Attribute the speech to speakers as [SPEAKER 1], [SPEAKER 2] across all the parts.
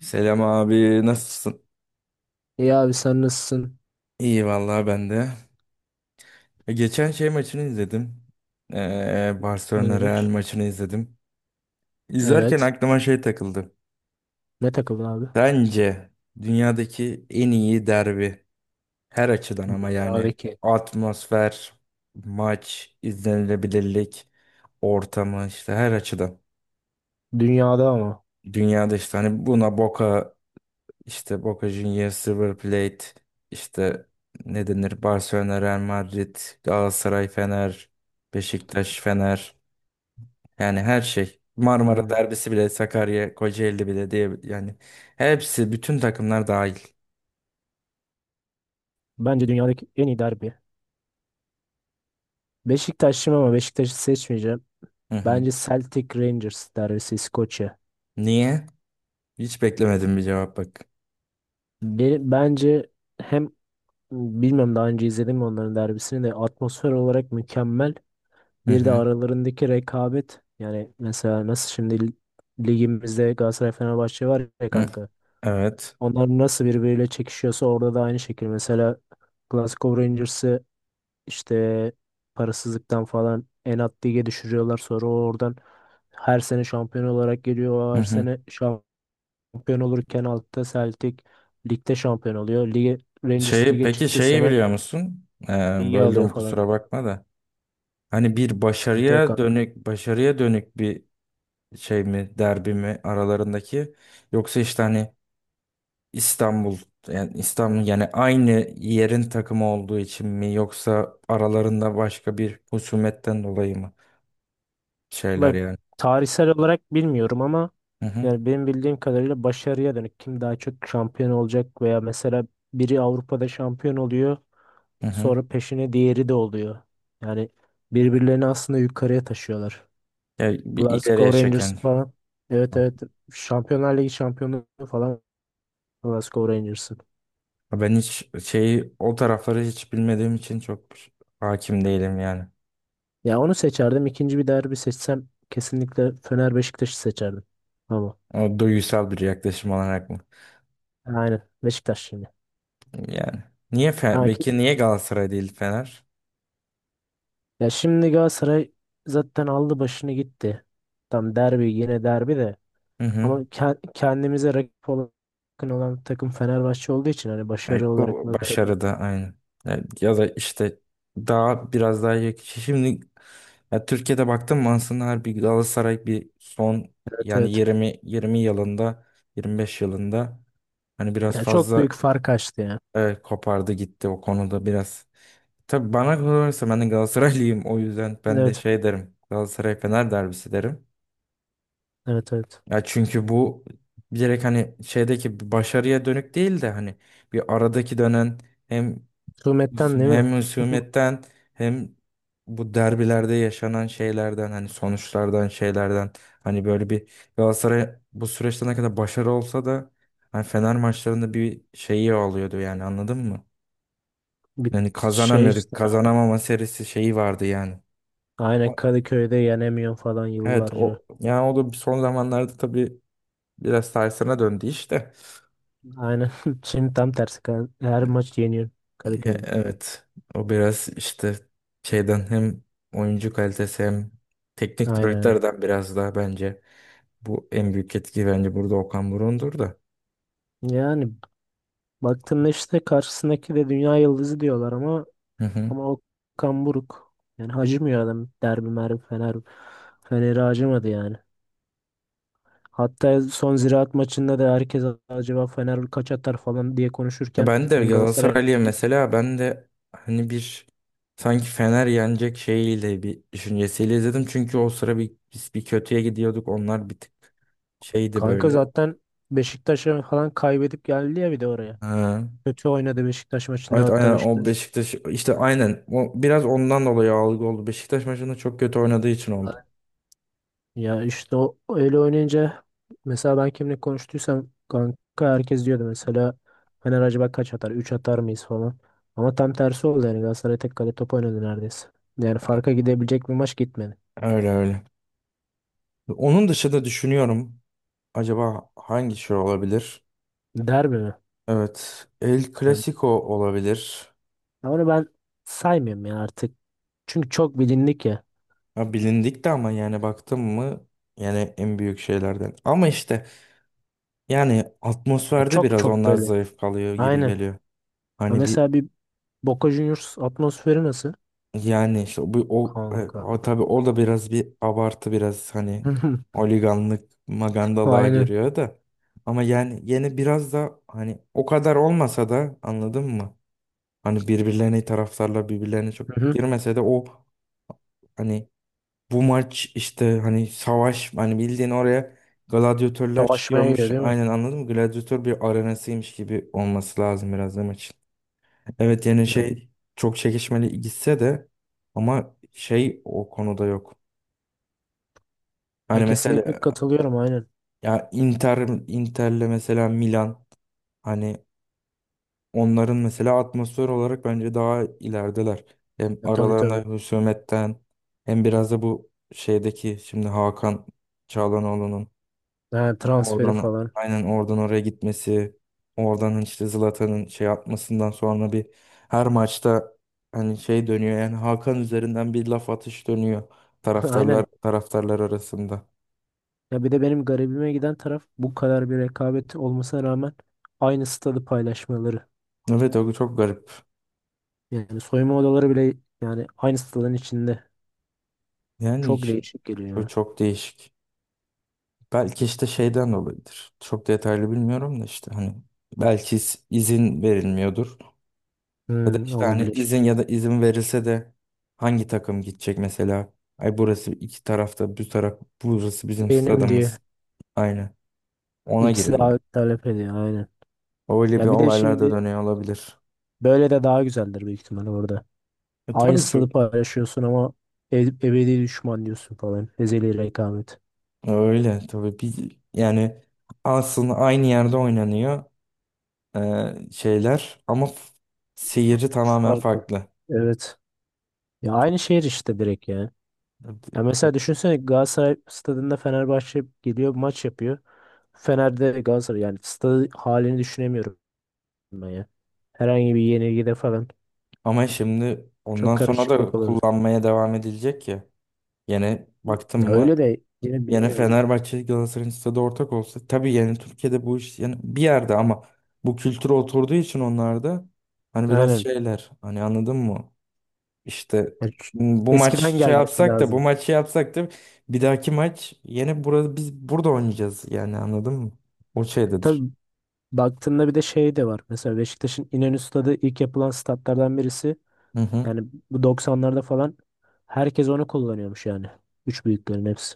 [SPEAKER 1] Selam abi nasılsın?
[SPEAKER 2] İyi abi sen nasılsın?
[SPEAKER 1] İyi vallahi ben de. Geçen şey maçını izledim. Barcelona Real
[SPEAKER 2] Hayır.
[SPEAKER 1] maçını izledim. İzlerken
[SPEAKER 2] Evet.
[SPEAKER 1] aklıma şey takıldı.
[SPEAKER 2] Ne takımın abi?
[SPEAKER 1] Bence dünyadaki en iyi derbi her açıdan ama yani
[SPEAKER 2] Dünyadaki.
[SPEAKER 1] atmosfer, maç, izlenilebilirlik, ortamı işte her açıdan.
[SPEAKER 2] Dünyada ama.
[SPEAKER 1] Dünyada işte hani buna Boca, İşte Boca Juniors, River Plate, işte ne denir? Barcelona, Real Madrid, Galatasaray, Fener, Beşiktaş, Fener. Yani her şey. Marmara
[SPEAKER 2] Hmm.
[SPEAKER 1] derbisi bile, Sakarya, Kocaeli bile diye yani hepsi bütün takımlar dahil.
[SPEAKER 2] Bence dünyadaki en iyi derbi. Beşiktaş'ım ama Beşiktaş'ı seçmeyeceğim.
[SPEAKER 1] Hı hı.
[SPEAKER 2] Bence Celtic Rangers derbisi İskoçya.
[SPEAKER 1] Niye? Hiç beklemedim bir cevap bak.
[SPEAKER 2] Bence hem bilmem daha önce izledim mi onların derbisini de atmosfer olarak mükemmel.
[SPEAKER 1] Hı
[SPEAKER 2] Bir de
[SPEAKER 1] hı.
[SPEAKER 2] aralarındaki rekabet. Yani mesela nasıl şimdi ligimizde Galatasaray Fenerbahçe var ya
[SPEAKER 1] Hı.
[SPEAKER 2] kanka.
[SPEAKER 1] Evet.
[SPEAKER 2] Onlar nasıl birbiriyle çekişiyorsa orada da aynı şekilde. Mesela Glasgow Rangers'ı işte parasızlıktan falan en alt lige düşürüyorlar. Sonra o oradan her sene şampiyon olarak geliyor. O
[SPEAKER 1] Hı
[SPEAKER 2] her
[SPEAKER 1] hı.
[SPEAKER 2] sene şampiyon olurken altta Celtic ligde şampiyon oluyor. Lige, Rangers
[SPEAKER 1] Şeyi,
[SPEAKER 2] lige
[SPEAKER 1] peki
[SPEAKER 2] çıktı
[SPEAKER 1] şeyi
[SPEAKER 2] sene
[SPEAKER 1] biliyor musun?
[SPEAKER 2] ligi
[SPEAKER 1] Böldüm
[SPEAKER 2] alıyor falan.
[SPEAKER 1] kusura bakma da. Hani bir
[SPEAKER 2] Sıkıntı yok
[SPEAKER 1] başarıya
[SPEAKER 2] kanka.
[SPEAKER 1] dönük başarıya dönük bir şey mi, derbi mi aralarındaki, yoksa işte hani İstanbul, yani İstanbul yani aynı yerin takımı olduğu için mi, yoksa aralarında başka bir husumetten dolayı mı şeyler
[SPEAKER 2] Bak
[SPEAKER 1] yani?
[SPEAKER 2] tarihsel olarak bilmiyorum ama
[SPEAKER 1] Hı hı.
[SPEAKER 2] yani benim bildiğim kadarıyla başarıya dönük. Kim daha çok şampiyon olacak veya mesela biri Avrupa'da şampiyon oluyor.
[SPEAKER 1] Hı hı.
[SPEAKER 2] Sonra peşine diğeri de oluyor. Yani birbirlerini aslında yukarıya taşıyorlar.
[SPEAKER 1] Yani bir ileriye
[SPEAKER 2] Glasgow Rangers
[SPEAKER 1] çeken.
[SPEAKER 2] falan. Evet, evet. Şampiyonlar Ligi şampiyonu falan Glasgow Rangers'ın.
[SPEAKER 1] Ben hiç şeyi, o tarafları hiç bilmediğim için çok hakim değilim yani.
[SPEAKER 2] Ya onu seçerdim. İkinci bir derbi seçsem kesinlikle Fener Beşiktaş'ı seçerdim. Ama
[SPEAKER 1] O duygusal bir yaklaşım olarak mı?
[SPEAKER 2] aynen Beşiktaş şimdi.
[SPEAKER 1] Yani niye
[SPEAKER 2] Ha ki-
[SPEAKER 1] peki niye Galatasaray değil Fener?
[SPEAKER 2] Ya şimdi Galatasaray zaten aldı başını gitti. Tam derbi yine derbi de.
[SPEAKER 1] Hı
[SPEAKER 2] Ama
[SPEAKER 1] hı.
[SPEAKER 2] kendimize rakip olan, yakın olan takım Fenerbahçe olduğu için hani
[SPEAKER 1] Yani
[SPEAKER 2] başarı olarak
[SPEAKER 1] bu
[SPEAKER 2] baktığında.
[SPEAKER 1] başarıda aynı. Yani ya da işte daha biraz daha iyi. Şimdi ya Türkiye'de baktım, aslında her bir Galatasaray bir son
[SPEAKER 2] Evet,
[SPEAKER 1] yani
[SPEAKER 2] evet.
[SPEAKER 1] 20 20 yılında, 25 yılında hani biraz
[SPEAKER 2] Ya çok
[SPEAKER 1] fazla
[SPEAKER 2] büyük fark açtı ya.
[SPEAKER 1] kopardı gitti o konuda biraz. Tabii bana kalırsa ben de Galatasaraylıyım, o yüzden ben de
[SPEAKER 2] Evet.
[SPEAKER 1] şey derim. Galatasaray Fener derbisi derim.
[SPEAKER 2] Evet, evet.
[SPEAKER 1] Ya çünkü bu direkt hani şeydeki bir başarıya dönük değil de hani bir aradaki dönen hem,
[SPEAKER 2] Hükümetten değil mi?
[SPEAKER 1] hem husumetten, hem bu derbilerde yaşanan şeylerden, hani sonuçlardan, şeylerden, hani böyle bir Galatasaray bu süreçte ne kadar başarı olsa da hani Fener maçlarında bir şeyi oluyordu yani, anladın mı?
[SPEAKER 2] Bir
[SPEAKER 1] Yani
[SPEAKER 2] şey
[SPEAKER 1] kazanamıyorduk.
[SPEAKER 2] işte.
[SPEAKER 1] Kazanamama serisi şeyi vardı yani.
[SPEAKER 2] Aynen
[SPEAKER 1] Ama
[SPEAKER 2] Kadıköy'de yenemiyor falan
[SPEAKER 1] evet,
[SPEAKER 2] yıllarca.
[SPEAKER 1] o yani o da son zamanlarda tabii biraz tersine döndü işte.
[SPEAKER 2] Aynen. Şimdi tam tersi. Her maç yeniyor
[SPEAKER 1] Ya,
[SPEAKER 2] Kadıköy'de.
[SPEAKER 1] evet o biraz işte şeyden, hem oyuncu kalitesi hem
[SPEAKER 2] Aynen,
[SPEAKER 1] teknik
[SPEAKER 2] aynen.
[SPEAKER 1] direktörden biraz daha bence. Bu en büyük etki bence burada Okan Buruk'undur da.
[SPEAKER 2] Yani baktığında işte karşısındaki de dünya yıldızı diyorlar ama
[SPEAKER 1] Hı hı.
[SPEAKER 2] ama Okan Buruk. Yani acımıyor adam. Derbi merbi Fener Fener'i acımadı yani. Hatta son Ziraat maçında da herkes acaba Fener kaç atar falan diye
[SPEAKER 1] Ya
[SPEAKER 2] konuşurken
[SPEAKER 1] ben de
[SPEAKER 2] çünkü Galatasaray.
[SPEAKER 1] Galatasaraylı'ya mesela, ben de hani bir sanki Fener yenecek şeyiyle bir düşüncesiyle izledim. Çünkü o sıra bir, biz bir kötüye gidiyorduk. Onlar bir tık şeydi
[SPEAKER 2] Kanka
[SPEAKER 1] böyle.
[SPEAKER 2] zaten Beşiktaş'a falan kaybedip geldi ya bir de oraya.
[SPEAKER 1] Ha.
[SPEAKER 2] Kötü oynadı Beşiktaş maçında
[SPEAKER 1] Evet
[SPEAKER 2] hatta
[SPEAKER 1] aynen, o
[SPEAKER 2] Beşiktaş.
[SPEAKER 1] Beşiktaş işte aynen o biraz ondan dolayı algı oldu. Beşiktaş maçında çok kötü oynadığı için oldu.
[SPEAKER 2] Ya işte o öyle oynayınca mesela ben kimle konuştuysam kanka herkes diyordu mesela Fener acaba kaç atar? Üç atar mıyız falan. Ama tam tersi oldu yani Galatasaray tek kale top oynadı neredeyse. Yani farka gidebilecek bir maç gitmedi.
[SPEAKER 1] Öyle öyle. Onun dışında düşünüyorum, acaba hangi şey olabilir?
[SPEAKER 2] Derbi mi?
[SPEAKER 1] Evet, El
[SPEAKER 2] Ya
[SPEAKER 1] Clasico olabilir.
[SPEAKER 2] onu ben saymıyorum ya artık. Çünkü çok bilindik ya.
[SPEAKER 1] Ha, bilindik de ama yani baktım mı yani en büyük şeylerden. Ama işte yani
[SPEAKER 2] Ya
[SPEAKER 1] atmosferde
[SPEAKER 2] çok
[SPEAKER 1] biraz
[SPEAKER 2] çok
[SPEAKER 1] onlar
[SPEAKER 2] böyle.
[SPEAKER 1] zayıf kalıyor gibi
[SPEAKER 2] Aynen.
[SPEAKER 1] geliyor.
[SPEAKER 2] Ama
[SPEAKER 1] Hani bir
[SPEAKER 2] mesela bir Boca Juniors atmosferi nasıl?
[SPEAKER 1] yani işte bu o,
[SPEAKER 2] Kanka.
[SPEAKER 1] o tabii, o da biraz bir abartı biraz hani, oliganlık magandalığa
[SPEAKER 2] Aynen.
[SPEAKER 1] giriyor da. Ama yani yine biraz da hani o kadar olmasa da, anladın mı? Hani birbirlerine, taraftarlar birbirlerine çok
[SPEAKER 2] Hı hı.
[SPEAKER 1] girmese de o hani bu maç işte hani savaş, hani bildiğin oraya gladyatörler
[SPEAKER 2] Savaşmaya
[SPEAKER 1] çıkıyormuş.
[SPEAKER 2] gidiyor değil mi?
[SPEAKER 1] Aynen, anladın mı? Gladyatör bir arenasıymış gibi olması lazım biraz da maçın. Evet yani
[SPEAKER 2] Ya,
[SPEAKER 1] şey, çok çekişmeli gitse de ama şey o konuda yok. Hani
[SPEAKER 2] Kesinlikle
[SPEAKER 1] mesela
[SPEAKER 2] katılıyorum aynen.
[SPEAKER 1] ya Inter'le mesela Milan, hani onların mesela atmosfer olarak bence daha ilerideler. Hem
[SPEAKER 2] Ya, tabii tabii.
[SPEAKER 1] aralarında husumetten, hem biraz da bu şeydeki şimdi Hakan Çalhanoğlu'nun,
[SPEAKER 2] Ha, transferi
[SPEAKER 1] oradan
[SPEAKER 2] falan.
[SPEAKER 1] aynen, oradan oraya gitmesi, oradan işte Zlatan'ın şey atmasından sonra bir her maçta hani şey dönüyor yani, Hakan üzerinden bir laf atış dönüyor taraftarlar
[SPEAKER 2] Aynen.
[SPEAKER 1] taraftarlar arasında.
[SPEAKER 2] Ya bir de benim garibime giden taraf bu kadar bir rekabet olmasına rağmen aynı stadı paylaşmaları.
[SPEAKER 1] Evet, o çok garip.
[SPEAKER 2] Yani soyunma odaları bile yani aynı stadın içinde.
[SPEAKER 1] Yani
[SPEAKER 2] Çok
[SPEAKER 1] işte,
[SPEAKER 2] değişik geliyor
[SPEAKER 1] çok,
[SPEAKER 2] ya.
[SPEAKER 1] çok değişik. Belki işte şeyden dolayıdır, çok detaylı bilmiyorum da işte hani belki izin verilmiyordur. Ya da
[SPEAKER 2] Hmm,
[SPEAKER 1] işte hani
[SPEAKER 2] olabilir.
[SPEAKER 1] izin, ya da izin verilse de hangi takım gidecek mesela? Ay burası, iki tarafta bu taraf, burası bizim
[SPEAKER 2] Benim diye.
[SPEAKER 1] stadımız. Aynı. Ona
[SPEAKER 2] İkisi de
[SPEAKER 1] giriyorlar.
[SPEAKER 2] abi talep ediyor aynen.
[SPEAKER 1] Öyle bir
[SPEAKER 2] Ya bir de
[SPEAKER 1] olaylar da
[SPEAKER 2] şimdi
[SPEAKER 1] dönüyor olabilir.
[SPEAKER 2] böyle de daha güzeldir büyük ihtimalle orada. Aynı
[SPEAKER 1] Tabii
[SPEAKER 2] stadı
[SPEAKER 1] çok.
[SPEAKER 2] paylaşıyorsun ama ebedi düşman diyorsun falan. Ezeli rekabet.
[SPEAKER 1] Öyle tabii bir yani aslında aynı yerde oynanıyor şeyler ama seyirci tamamen
[SPEAKER 2] Farklı.
[SPEAKER 1] farklı.
[SPEAKER 2] Evet. Ya aynı şehir işte direkt ya.
[SPEAKER 1] Evet.
[SPEAKER 2] Ya mesela düşünsene Galatasaray stadında Fenerbahçe geliyor maç yapıyor. Fener'de Galatasaray yani stadı halini düşünemiyorum ben ya. Herhangi bir yenilgide falan
[SPEAKER 1] Ama şimdi
[SPEAKER 2] çok
[SPEAKER 1] ondan sonra
[SPEAKER 2] karışıklık
[SPEAKER 1] da
[SPEAKER 2] olurdu.
[SPEAKER 1] kullanmaya devam edilecek ya. Yine baktım
[SPEAKER 2] Ya
[SPEAKER 1] mı,
[SPEAKER 2] öyle de yine
[SPEAKER 1] yani
[SPEAKER 2] bilmiyorum.
[SPEAKER 1] Fenerbahçe Galatasaray'ın stadı ortak olsa tabii yani Türkiye'de bu iş yani bir yerde ama bu kültüre oturduğu için onlarda hani biraz
[SPEAKER 2] Aynen.
[SPEAKER 1] şeyler hani, anladın mı? İşte,
[SPEAKER 2] Ya ç-
[SPEAKER 1] bu maç
[SPEAKER 2] Eskiden
[SPEAKER 1] şey
[SPEAKER 2] gelmesi
[SPEAKER 1] yapsak da, bu
[SPEAKER 2] lazım.
[SPEAKER 1] maçı yapsak da, bir dahaki maç yine burada, biz burada oynayacağız yani, anladın mı? O şeydedir.
[SPEAKER 2] Tabii baktığında bir de şey de var. Mesela Beşiktaş'ın İnönü Stadı ilk yapılan statlardan birisi.
[SPEAKER 1] Hı hı.
[SPEAKER 2] Yani bu 90'larda falan herkes onu kullanıyormuş yani. Üç büyüklerin hepsi.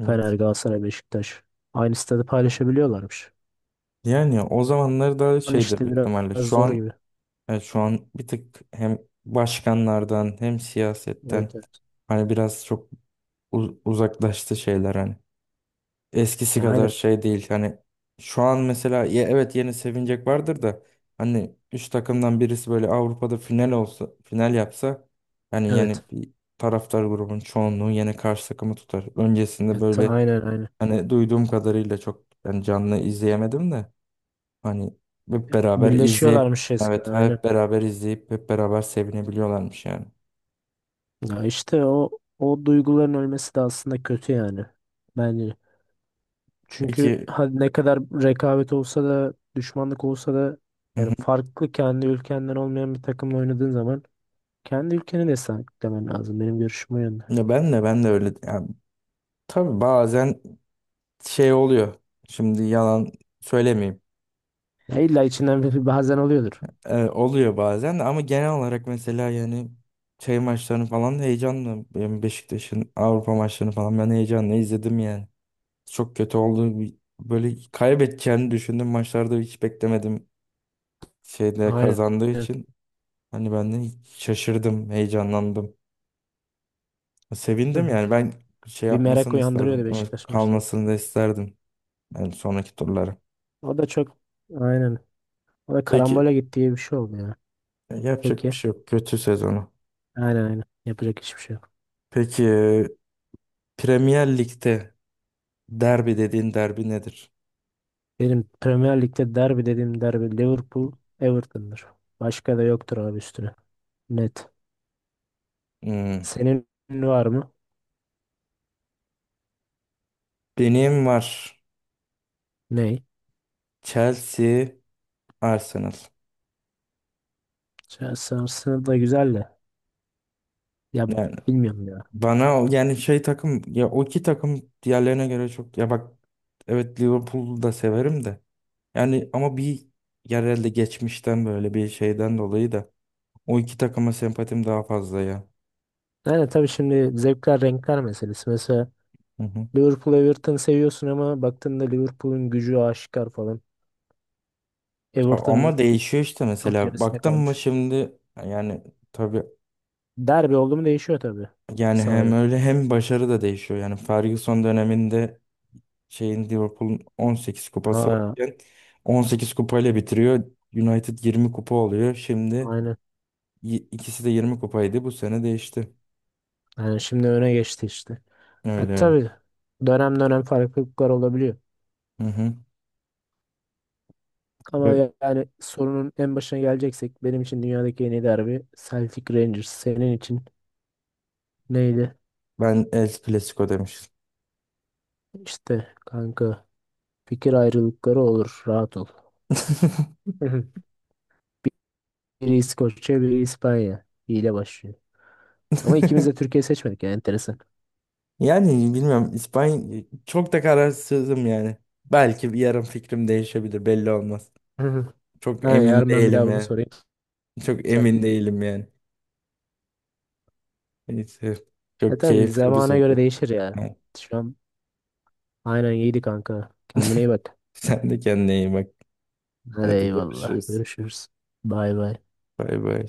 [SPEAKER 2] Fener,
[SPEAKER 1] Evet.
[SPEAKER 2] Galatasaray, Beşiktaş. Aynı stadı paylaşabiliyorlarmış.
[SPEAKER 1] Yani o zamanlar da
[SPEAKER 2] Yani
[SPEAKER 1] şeydir
[SPEAKER 2] işte
[SPEAKER 1] büyük
[SPEAKER 2] biraz
[SPEAKER 1] ihtimalle. Şu
[SPEAKER 2] zor
[SPEAKER 1] an
[SPEAKER 2] gibi.
[SPEAKER 1] evet, şu an bir tık hem başkanlardan, hem
[SPEAKER 2] Evet,
[SPEAKER 1] siyasetten
[SPEAKER 2] evet.
[SPEAKER 1] hani biraz çok uzaklaştı şeyler hani. Eskisi
[SPEAKER 2] Ya
[SPEAKER 1] kadar
[SPEAKER 2] aynen.
[SPEAKER 1] şey değil hani, şu an mesela ya evet yeni sevinecek vardır da hani üç takımdan birisi böyle Avrupa'da final olsa, final yapsa hani yani
[SPEAKER 2] Evet.
[SPEAKER 1] bir taraftar grubun çoğunluğu yine karşı takımı tutar. Öncesinde böyle
[SPEAKER 2] Aynen aynen.
[SPEAKER 1] hani duyduğum kadarıyla, çok yani canlı izleyemedim de hani hep beraber izleyip,
[SPEAKER 2] Birleşiyorlarmış eskiden
[SPEAKER 1] evet
[SPEAKER 2] aynen.
[SPEAKER 1] hep beraber izleyip hep beraber sevinebiliyorlarmış yani.
[SPEAKER 2] Ya işte o duyguların ölmesi de aslında kötü yani. Bence. Çünkü
[SPEAKER 1] Peki.
[SPEAKER 2] hadi ne kadar rekabet olsa da düşmanlık olsa da
[SPEAKER 1] Hı
[SPEAKER 2] yani
[SPEAKER 1] hı.
[SPEAKER 2] farklı kendi ülkenden olmayan bir takımla oynadığın zaman kendi ülkeni de sahiplenmen lazım. Benim görüşüm o yönde.
[SPEAKER 1] Ya ben de öyle yani. Tabii bazen şey oluyor. Şimdi yalan söylemeyeyim.
[SPEAKER 2] Ya illa içinden bir bazen oluyordur.
[SPEAKER 1] Oluyor bazen de ama genel olarak mesela yani şey maçlarını falan heyecanlı. Benim, Beşiktaş'ın Avrupa maçlarını falan ben heyecanla izledim yani. Çok kötü oldu. Böyle kaybedeceğini düşündüm. Maçlarda hiç beklemedim. Şeyde
[SPEAKER 2] Aynen.
[SPEAKER 1] kazandığı
[SPEAKER 2] Hı
[SPEAKER 1] için hani ben de şaşırdım, heyecanlandım. Sevindim
[SPEAKER 2] hı.
[SPEAKER 1] yani, ben şey
[SPEAKER 2] Bir merak
[SPEAKER 1] yapmasını isterdim.
[SPEAKER 2] uyandırıyordu Beşiktaş maçları.
[SPEAKER 1] Kalmasını da isterdim. Yani sonraki turlara.
[SPEAKER 2] O da çok aynen. O da
[SPEAKER 1] Peki,
[SPEAKER 2] karambole gittiği bir şey oldu ya.
[SPEAKER 1] yapacak bir
[SPEAKER 2] Peki.
[SPEAKER 1] şey yok. Kötü sezonu.
[SPEAKER 2] Aynen, aynen. Yapacak hiçbir şey yok.
[SPEAKER 1] Peki, Premier Lig'de derbi dediğin derbi nedir?
[SPEAKER 2] Benim Premier Lig'de derbi dediğim derbi Liverpool Everton'dır. Başka da yoktur abi üstüne. Net.
[SPEAKER 1] Hmm.
[SPEAKER 2] Senin var mı?
[SPEAKER 1] Benim var.
[SPEAKER 2] Ney?
[SPEAKER 1] Chelsea, Arsenal.
[SPEAKER 2] Chelsea Arsenal da güzel de. Ya
[SPEAKER 1] Yani
[SPEAKER 2] bilmiyorum ya.
[SPEAKER 1] bana yani şey takım ya, o iki takım diğerlerine göre çok, ya bak evet Liverpool'u da severim de yani, ama bir yerelde geçmişten böyle bir şeyden dolayı da o iki takıma sempatim daha fazla ya.
[SPEAKER 2] Yani tabii şimdi zevkler renkler meselesi. Mesela
[SPEAKER 1] Hı hı.
[SPEAKER 2] Liverpool Everton seviyorsun ama baktığında Liverpool'un gücü aşikar falan.
[SPEAKER 1] Ya
[SPEAKER 2] Everton
[SPEAKER 1] ama değişiyor işte
[SPEAKER 2] çok
[SPEAKER 1] mesela
[SPEAKER 2] gerisinde
[SPEAKER 1] baktım mı
[SPEAKER 2] kalmış.
[SPEAKER 1] şimdi, yani tabii,
[SPEAKER 2] Derbi oldu mu değişiyor tabii
[SPEAKER 1] yani hem
[SPEAKER 2] sahada.
[SPEAKER 1] öyle hem başarı da değişiyor. Yani Ferguson döneminde şeyin, Liverpool'un 18 kupası
[SPEAKER 2] Aa,
[SPEAKER 1] varken 18 kupayla bitiriyor. United 20 kupa oluyor. Şimdi
[SPEAKER 2] aynen.
[SPEAKER 1] ikisi de 20 kupaydı. Bu sene değişti.
[SPEAKER 2] Yani şimdi öne geçti işte. Ya,
[SPEAKER 1] Öyle öyle.
[SPEAKER 2] tabii dönem dönem farklılıklar olabiliyor.
[SPEAKER 1] Hı hı.
[SPEAKER 2] Ama
[SPEAKER 1] Böyle-
[SPEAKER 2] yani sorunun en başına geleceksek benim için dünyadaki en iyi derbi Celtic Rangers. Senin için neydi?
[SPEAKER 1] Ben El Clasico demiştim.
[SPEAKER 2] İşte kanka fikir ayrılıkları olur rahat ol. Biri İskoçya biri İspanya. İyi başlıyor. Ama ikimiz de Türkiye seçmedik yani enteresan.
[SPEAKER 1] Yani bilmiyorum, İspanya, çok da kararsızım yani. Belki bir yarın fikrim değişebilir, belli olmaz.
[SPEAKER 2] Hı hı.
[SPEAKER 1] Çok
[SPEAKER 2] Ha,
[SPEAKER 1] emin
[SPEAKER 2] yarın ben bir daha
[SPEAKER 1] değilim
[SPEAKER 2] bunu
[SPEAKER 1] yani.
[SPEAKER 2] sorayım.
[SPEAKER 1] Çok
[SPEAKER 2] Sen-
[SPEAKER 1] emin değilim yani. Neyse.
[SPEAKER 2] E
[SPEAKER 1] Çok
[SPEAKER 2] tabii
[SPEAKER 1] keyifli bir
[SPEAKER 2] zamana göre
[SPEAKER 1] sohbet.
[SPEAKER 2] değişir ya.
[SPEAKER 1] Ha.
[SPEAKER 2] Şu an aynen iyiydi kanka. Kendine iyi bak.
[SPEAKER 1] Sen de kendine iyi bak.
[SPEAKER 2] Hadi
[SPEAKER 1] Hadi
[SPEAKER 2] eyvallah.
[SPEAKER 1] görüşürüz.
[SPEAKER 2] Görüşürüz. Bay bay.
[SPEAKER 1] Bay bay.